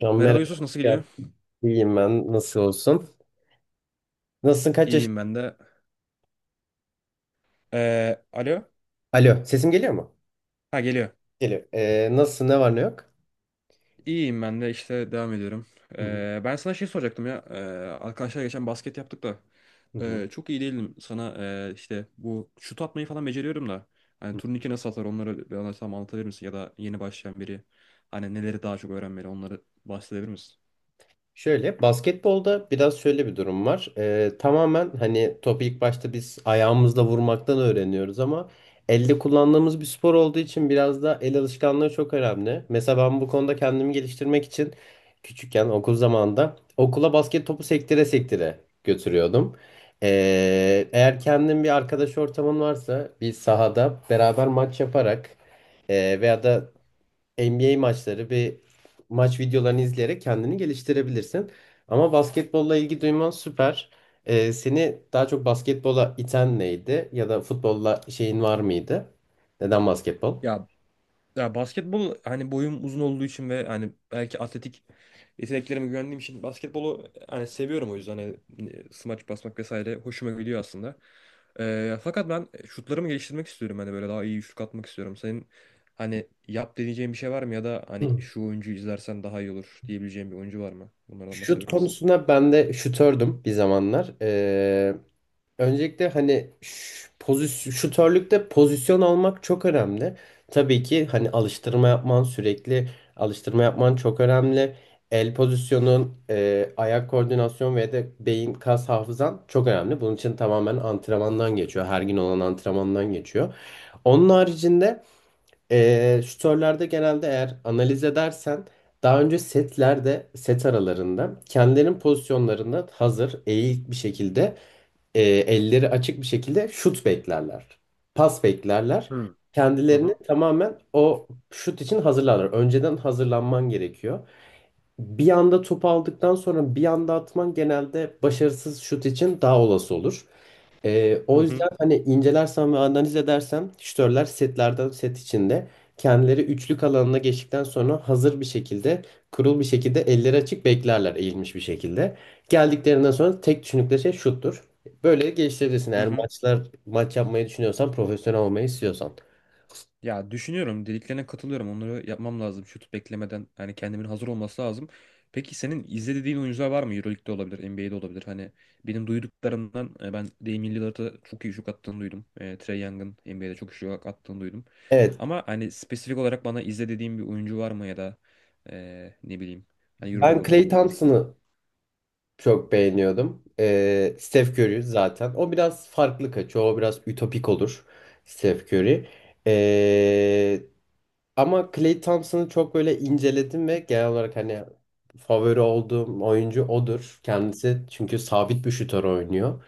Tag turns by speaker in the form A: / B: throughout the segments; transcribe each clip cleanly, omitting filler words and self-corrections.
A: Can
B: Merhaba
A: merhaba.
B: Yusuf, nasıl gidiyor?
A: Gel. İyiyim ben. Nasıl olsun? Nasılsın? Kaç yaş?
B: İyiyim ben de. Alo?
A: Alo. Sesim geliyor mu?
B: Ha geliyor.
A: Geliyor. Nasılsın? Ne var ne yok?
B: İyiyim ben de işte devam ediyorum.
A: Hı hı.
B: Ben sana şey soracaktım ya. Arkadaşlar geçen basket yaptık da.
A: Hı hı.
B: Çok iyi değilim sana, işte bu şut atmayı falan beceriyorum da. Hani turnike nasıl atar, onları bana tam anlatabilir misin? Ya da yeni başlayan biri hani neleri daha çok öğrenmeli, onları bahsedebilir misin?
A: Şöyle basketbolda biraz şöyle bir durum var. Tamamen hani topu ilk başta biz ayağımızla vurmaktan öğreniyoruz ama elde kullandığımız bir spor olduğu için biraz da el alışkanlığı çok önemli. Mesela ben bu konuda kendimi geliştirmek için küçükken okul zamanında okula basket topu sektire sektire götürüyordum. Eğer kendin bir arkadaş ortamın varsa bir sahada beraber maç yaparak veya da NBA maçları bir maç videolarını izleyerek kendini geliştirebilirsin. Ama basketbolla ilgi duyman süper. Seni daha çok basketbola iten neydi? Ya da futbolla şeyin var mıydı? Neden basketbol?
B: Ya Ya, basketbol hani boyum uzun olduğu için ve hani belki atletik yeteneklerime güvendiğim için basketbolu hani seviyorum, o yüzden hani smaç basmak vesaire hoşuma gidiyor aslında. Fakat ben şutlarımı geliştirmek istiyorum, hani böyle daha iyi şut atmak istiyorum. Senin hani yap deneyeceğin bir şey var mı, ya da hani
A: Hı.
B: şu oyuncuyu izlersen daha iyi olur diyebileceğin bir oyuncu var mı? Bunlardan
A: Şut
B: bahsedebilir misin?
A: konusunda ben de şutördüm bir zamanlar. Öncelikle hani pozisyon, şutörlükte pozisyon almak çok önemli. Tabii ki hani alıştırma yapman sürekli alıştırma yapman çok önemli. El pozisyonun, ayak koordinasyon ve de beyin kas hafızan çok önemli. Bunun için tamamen antrenmandan geçiyor. Her gün olan antrenmandan geçiyor. Onun haricinde şutörlerde genelde eğer analiz edersen daha önce setlerde set aralarında kendilerinin pozisyonlarında hazır eğik bir şekilde elleri açık bir şekilde şut beklerler. Pas beklerler.
B: Hı hı.
A: Kendilerini
B: Hı.
A: tamamen o şut için hazırlarlar. Önceden hazırlanman gerekiyor. Bir anda top aldıktan sonra bir anda atman genelde başarısız şut için daha olası olur.
B: Hı
A: O
B: hı.
A: yüzden hani incelersem ve analiz edersem şütörler setlerden set içinde kendileri üçlük alanına geçtikten sonra hazır bir şekilde kurul bir şekilde elleri açık beklerler eğilmiş bir şekilde. Geldiklerinden sonra tek düşündükleri şey şuttur. Böyle geliştirebilirsin eğer
B: Hı.
A: maç yapmayı düşünüyorsan profesyonel olmayı istiyorsan.
B: Ya düşünüyorum, dediklerine katılıyorum. Onları yapmam lazım. Şut beklemeden, yani kendimin hazır olması lazım. Peki senin izlediğin oyuncular var mı? Euroleague'de olabilir, NBA'de olabilir. Hani benim duyduklarımdan ben Damian Lillard'a çok iyi şut attığını duydum. Trae Young'ın NBA'de çok iyi şut attığını duydum.
A: Evet,
B: Ama hani spesifik olarak bana izle dediğin bir oyuncu var mı, ya da ne bileyim, hani
A: ben
B: Euroleague olur,
A: Clay
B: NBA olur.
A: Thompson'ı çok beğeniyordum. Steph Curry zaten. O biraz farklı kaçıyor. O biraz ütopik olur. Steph Curry. Ee, Ama Clay Thompson'ı çok böyle inceledim ve genel olarak hani favori olduğum oyuncu odur. Kendisi çünkü sabit bir şutör oynuyor.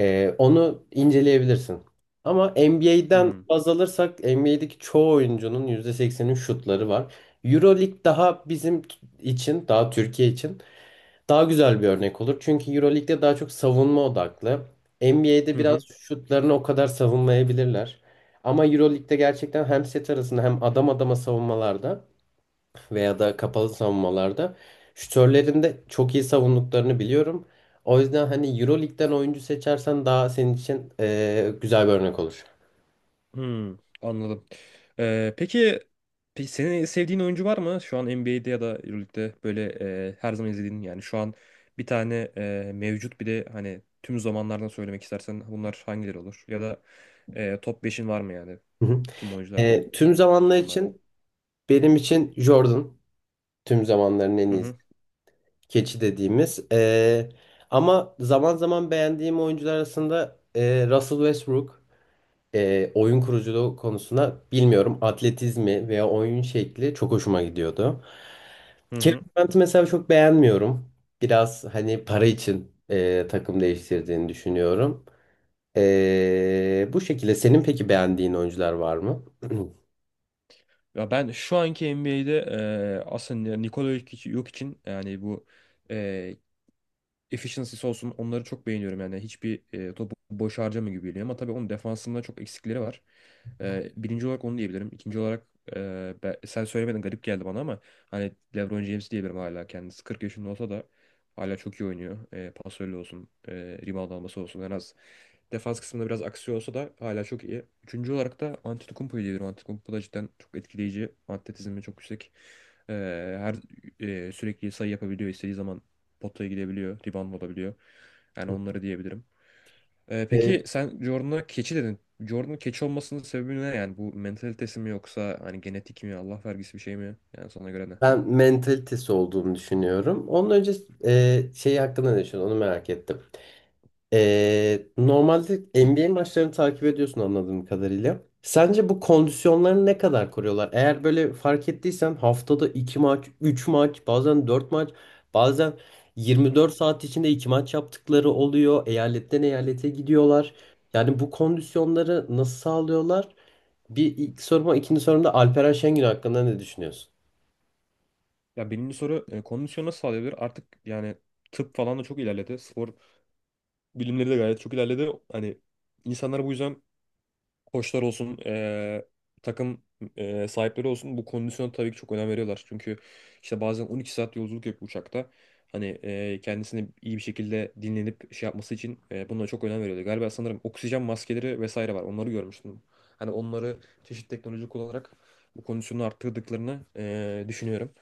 A: Onu inceleyebilirsin. Ama NBA'den
B: Hmm.
A: baz alırsak NBA'deki çoğu oyuncunun %80'in şutları var. Euroleague daha bizim için, daha Türkiye için daha güzel bir örnek olur. Çünkü EuroLeague'de daha çok savunma odaklı. NBA'de
B: Hı
A: biraz
B: hı.
A: şutlarını o kadar savunmayabilirler. Ama EuroLeague'de gerçekten hem set arasında hem adam adama savunmalarda veya da kapalı savunmalarda şütörlerin de çok iyi savunduklarını biliyorum. O yüzden hani EuroLeague'den oyuncu seçersen daha senin için güzel bir örnek olur.
B: Hmm, anladım. Ee, peki, peki senin sevdiğin oyuncu var mı? Şu an NBA'de ya da Euroleague'de böyle her zaman izlediğin, yani şu an bir tane mevcut, bir de hani tüm zamanlardan söylemek istersen bunlar hangileri olur? Ya da top beşin var mı, yani
A: Hı hı.
B: tüm oyunculardan,
A: Tüm
B: tüm
A: zamanlar
B: zamanlardan?
A: için benim için Jordan tüm zamanların en
B: Hı
A: iyisi.
B: hı.
A: Keçi dediğimiz. Ama zaman zaman beğendiğim oyuncular arasında Russell Westbrook, oyun kuruculuğu konusunda bilmiyorum atletizmi veya oyun şekli çok hoşuma gidiyordu.
B: Hı
A: Kevin
B: hı.
A: Durant'ı mesela çok beğenmiyorum. Biraz hani para için takım değiştirdiğini düşünüyorum. Bu şekilde senin peki beğendiğin oyuncular var mı?
B: Ya ben şu anki NBA'de aslında Nikola Jokic, Jokic'in yani bu efficiency'si olsun, onları çok beğeniyorum. Yani hiçbir topu boş harcamıyor gibi geliyor, ama tabii onun defansında çok eksikleri var. Birinci olarak onu diyebilirim. İkinci olarak sen söylemedin, garip geldi bana, ama hani LeBron James diyebilirim; hala kendisi 40 yaşında olsa da hala çok iyi oynuyor. Pasörlü olsun, rebound alması olsun, en az defans kısmında biraz aksiyon olsa da hala çok iyi. Üçüncü olarak da Antetokounmpo'yu diyebilirim. Antetokounmpo da cidden çok etkileyici. Atletizmi çok yüksek. E, her sürekli sayı yapabiliyor. İstediği zaman potaya gidebiliyor. Rebound olabiliyor. Yani onları diyebilirim. Peki
A: E,
B: sen Jordan'a keçi dedin. Jordan'ın keçi olmasının sebebi ne? Yani bu mentalitesi mi, yoksa hani genetik mi, Allah vergisi bir şey mi? Yani sana göre ne?
A: Ben mentalitesi olduğunu düşünüyorum. Onun önce şeyi hakkında ne düşünüyorsun? Onu merak ettim. Normalde NBA maçlarını takip ediyorsun anladığım kadarıyla. Sence bu kondisyonlarını ne kadar koruyorlar? Eğer böyle fark ettiysen haftada 2 maç, 3 maç, bazen 4 maç, bazen 24 saat içinde 2 maç yaptıkları oluyor. Eyaletten eyalete gidiyorlar. Yani bu kondisyonları nasıl sağlıyorlar? Bir ilk soruma, ikinci sorumda Alperen Şengün hakkında ne düşünüyorsun?
B: Ya birinci soru, kondisyon nasıl sağlayabilir? Artık yani tıp falan da çok ilerledi. Spor bilimleri de gayet çok ilerledi. Hani insanlar bu yüzden, koçlar olsun, takım sahipleri olsun, bu kondisyona tabii ki çok önem veriyorlar. Çünkü işte bazen 12 saat yolculuk yapıyor uçakta. Hani kendisini iyi bir şekilde dinlenip şey yapması için bunlara çok önem veriyorlar. Galiba, sanırım oksijen maskeleri vesaire var. Onları görmüştüm. Hani onları çeşitli teknoloji kullanarak bu kondisyonu arttırdıklarını düşünüyorum.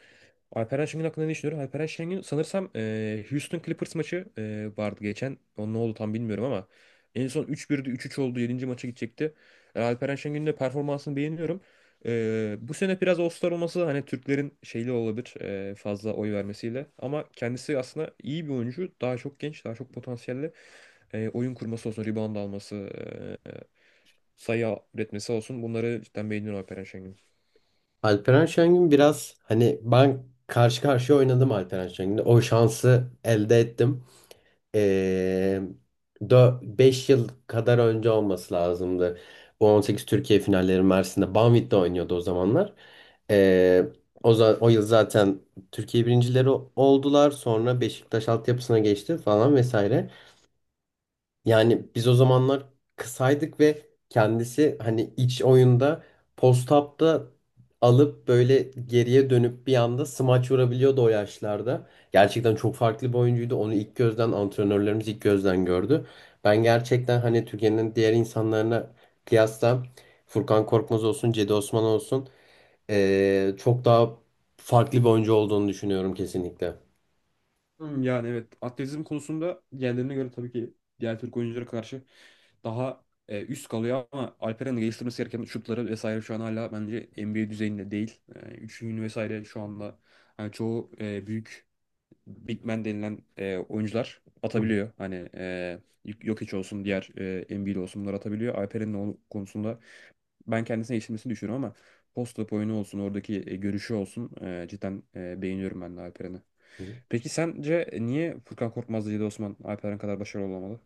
B: Alperen Şengün hakkında ne düşünüyorum? Alperen Şengün sanırsam Houston Clippers maçı vardı geçen. O ne oldu tam bilmiyorum, ama en son 3-1'di, 3-3 oldu, yedinci maça gidecekti. Alperen Şengün'ün de performansını beğeniyorum. Bu sene biraz All-Star olması hani Türklerin şeyli olabilir, fazla oy vermesiyle. Ama kendisi aslında iyi bir oyuncu. Daha çok genç, daha çok potansiyelli. Oyun kurması olsun, rebound alması, sayı üretmesi olsun. Bunları cidden beğeniyorum Alperen Şengün'ün.
A: Alperen Şengün biraz hani ben karşı karşıya oynadım Alperen Şengün'le. O şansı elde ettim. Ee, 5 yıl kadar önce olması lazımdı. Bu 18 Türkiye finalleri Mersin'de Banvit'te oynuyordu o zamanlar. Ee, O yıl zaten Türkiye birincileri oldular. Sonra Beşiktaş altyapısına geçti falan vesaire. Yani biz o zamanlar kısaydık ve kendisi hani iç oyunda post-up'ta alıp böyle geriye dönüp bir anda smaç vurabiliyordu o yaşlarda. Gerçekten çok farklı bir oyuncuydu. Onu ilk gözden antrenörlerimiz ilk gözden gördü. Ben gerçekten hani Türkiye'nin diğer insanlarına kıyasla Furkan Korkmaz olsun, Cedi Osman olsun çok daha farklı bir oyuncu olduğunu düşünüyorum kesinlikle.
B: Hmm, yani evet, atletizm konusunda diğerlerine göre tabii ki diğer Türk oyunculara karşı daha üst kalıyor, ama Alperen'in geliştirmesi gereken şutları vesaire şu an hala bence NBA düzeyinde değil. Üçlüğünü vesaire şu anda hani çoğu büyük, big man denilen oyuncular
A: Hı
B: atabiliyor. Hani Jokic olsun, diğer Embiid olsun, bunlar atabiliyor. Alperen'in o konusunda ben kendisine yetiştirmesini düşünüyorum, ama post-up oyunu olsun, oradaki görüşü olsun, cidden beğeniyorum ben de Alperen'i.
A: hı.
B: Peki sence niye Furkan Korkmaz, Cedi Osman Alperen kadar başarılı olamadı?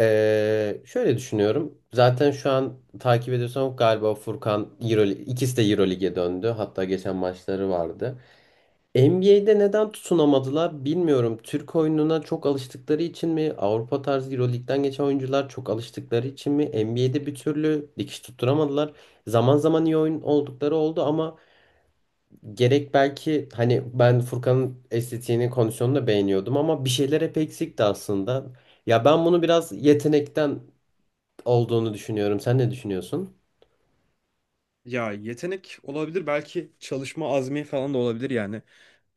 A: Şöyle düşünüyorum. Zaten şu an takip ediyorsam galiba Furkan Euroleague, ikisi de Euroleague'e döndü. Hatta geçen maçları vardı. NBA'de neden tutunamadılar bilmiyorum. Türk oyununa çok alıştıkları için mi? Avrupa tarzı Euroleague'den geçen oyuncular çok alıştıkları için mi? NBA'de bir türlü dikiş tutturamadılar. Zaman zaman iyi oyun oldukları oldu ama gerek belki hani ben Furkan'ın estetiğini, kondisyonunu da beğeniyordum ama bir şeyler hep eksikti aslında. Ya ben bunu biraz yetenekten olduğunu düşünüyorum. Sen ne düşünüyorsun?
B: Ya, yetenek olabilir, belki çalışma azmi falan da olabilir yani.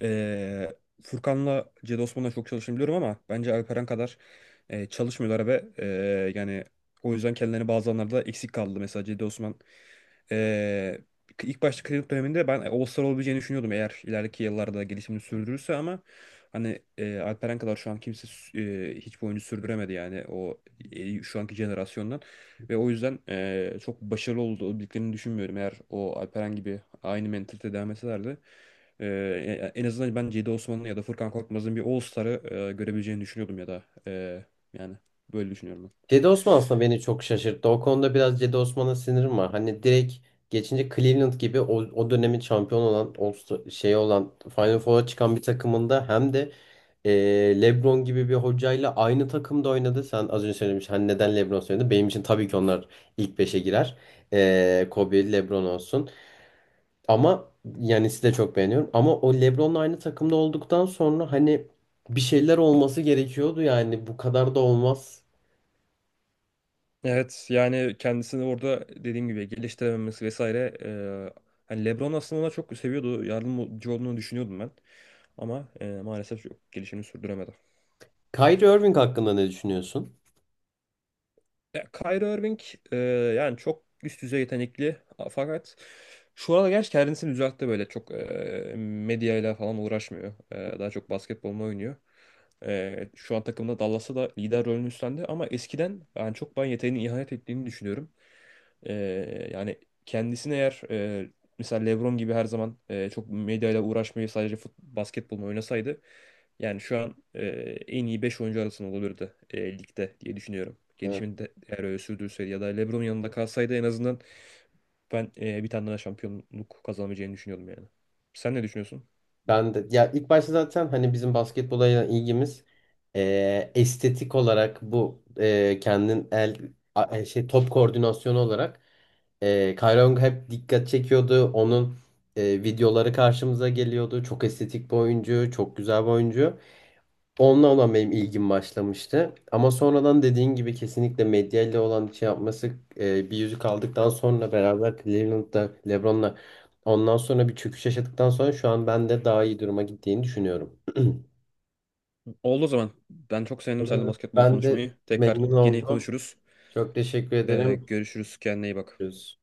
B: Ee, Furkan'la Cedi Osman'la çok çalıştığını biliyorum, ama bence Alperen kadar çalışmıyorlar, ve yani o yüzden kendilerini bazı anlarda eksik kaldı. Mesela Cedi Osman, e, ilk başta kredi döneminde ben All-Star olabileceğini düşünüyordum, eğer ileriki yıllarda gelişimini sürdürürse; ama hani Alperen kadar şu an kimse hiçbir oyuncu sürdüremedi, yani o şu anki jenerasyondan. Ve o yüzden çok başarılı olduklarını düşünmüyorum. Eğer o Alperen gibi aynı mentalite devam etselerdi, en azından ben Cedi Osman'ın ya da Furkan Korkmaz'ın bir All-Star'ı görebileceğini düşünüyordum; ya da yani böyle düşünüyorum ben.
A: Cedi Osman aslında beni çok şaşırttı. O konuda biraz Cedi Osman'a sinirim var. Hani direkt geçince Cleveland gibi o dönemin şampiyon olan o şey olan Final Four'a çıkan bir takımında hem de LeBron gibi bir hocayla aynı takımda oynadı. Sen az önce söylemiş hani neden LeBron söyledi? Benim için tabii ki onlar ilk beşe girer. Kobe, LeBron olsun. Ama Yanis'i de çok beğeniyorum. Ama o LeBron'la aynı takımda olduktan sonra hani bir şeyler olması gerekiyordu yani bu kadar da olmaz.
B: Evet, yani kendisini orada dediğim gibi geliştirememesi vesaire, hani LeBron aslında ona çok seviyordu, yardımcı olduğunu düşünüyordum ben, ama maalesef çok gelişimini sürdüremedi.
A: Kyrie Irving hakkında ne düşünüyorsun?
B: Ya, Kyrie Irving, e, yani çok üst düzey yetenekli, fakat şu anda gerçi kendisini düzeltti, böyle çok medyayla falan uğraşmıyor. Daha çok basketbolunu oynuyor. Şu an takımda Dallas'ta da lider rolünü üstlendi, ama eskiden yani çok ben yeteneğine ihanet ettiğini düşünüyorum. E, Yani kendisini, eğer mesela LeBron gibi her zaman çok medyayla uğraşmayı sadece basketbolunu oynasaydı, yani şu an en iyi 5 oyuncu arasında olabilirdi ligde diye düşünüyorum.
A: Evet.
B: Gelişimini de eğer öyle sürdürseydi ya da LeBron yanında kalsaydı, en azından ben bir tane daha şampiyonluk kazanamayacağını düşünüyordum yani. Sen ne düşünüyorsun?
A: Ben de ya ilk başta zaten hani bizim basketbola olan ilgimiz estetik olarak bu kendin el a- e, şey top koordinasyonu olarak Kyrie Irving hep dikkat çekiyordu. Onun videoları karşımıza geliyordu. Çok estetik bir oyuncu, çok güzel bir oyuncu. Onunla olan benim ilgim başlamıştı. Ama sonradan dediğin gibi kesinlikle medyayla olan şey yapması, bir yüzük aldıktan sonra beraber Cleveland'da LeBron'la ondan sonra bir çöküş yaşadıktan sonra şu an ben de daha iyi duruma gittiğini düşünüyorum.
B: Oldu o zaman. Ben çok sevindim seninle basketbol
A: Ben de
B: konuşmayı. Tekrar
A: memnun
B: gene
A: oldum.
B: konuşuruz.
A: Çok teşekkür ederim.
B: Görüşürüz. Kendine iyi bak.
A: Görüşürüz.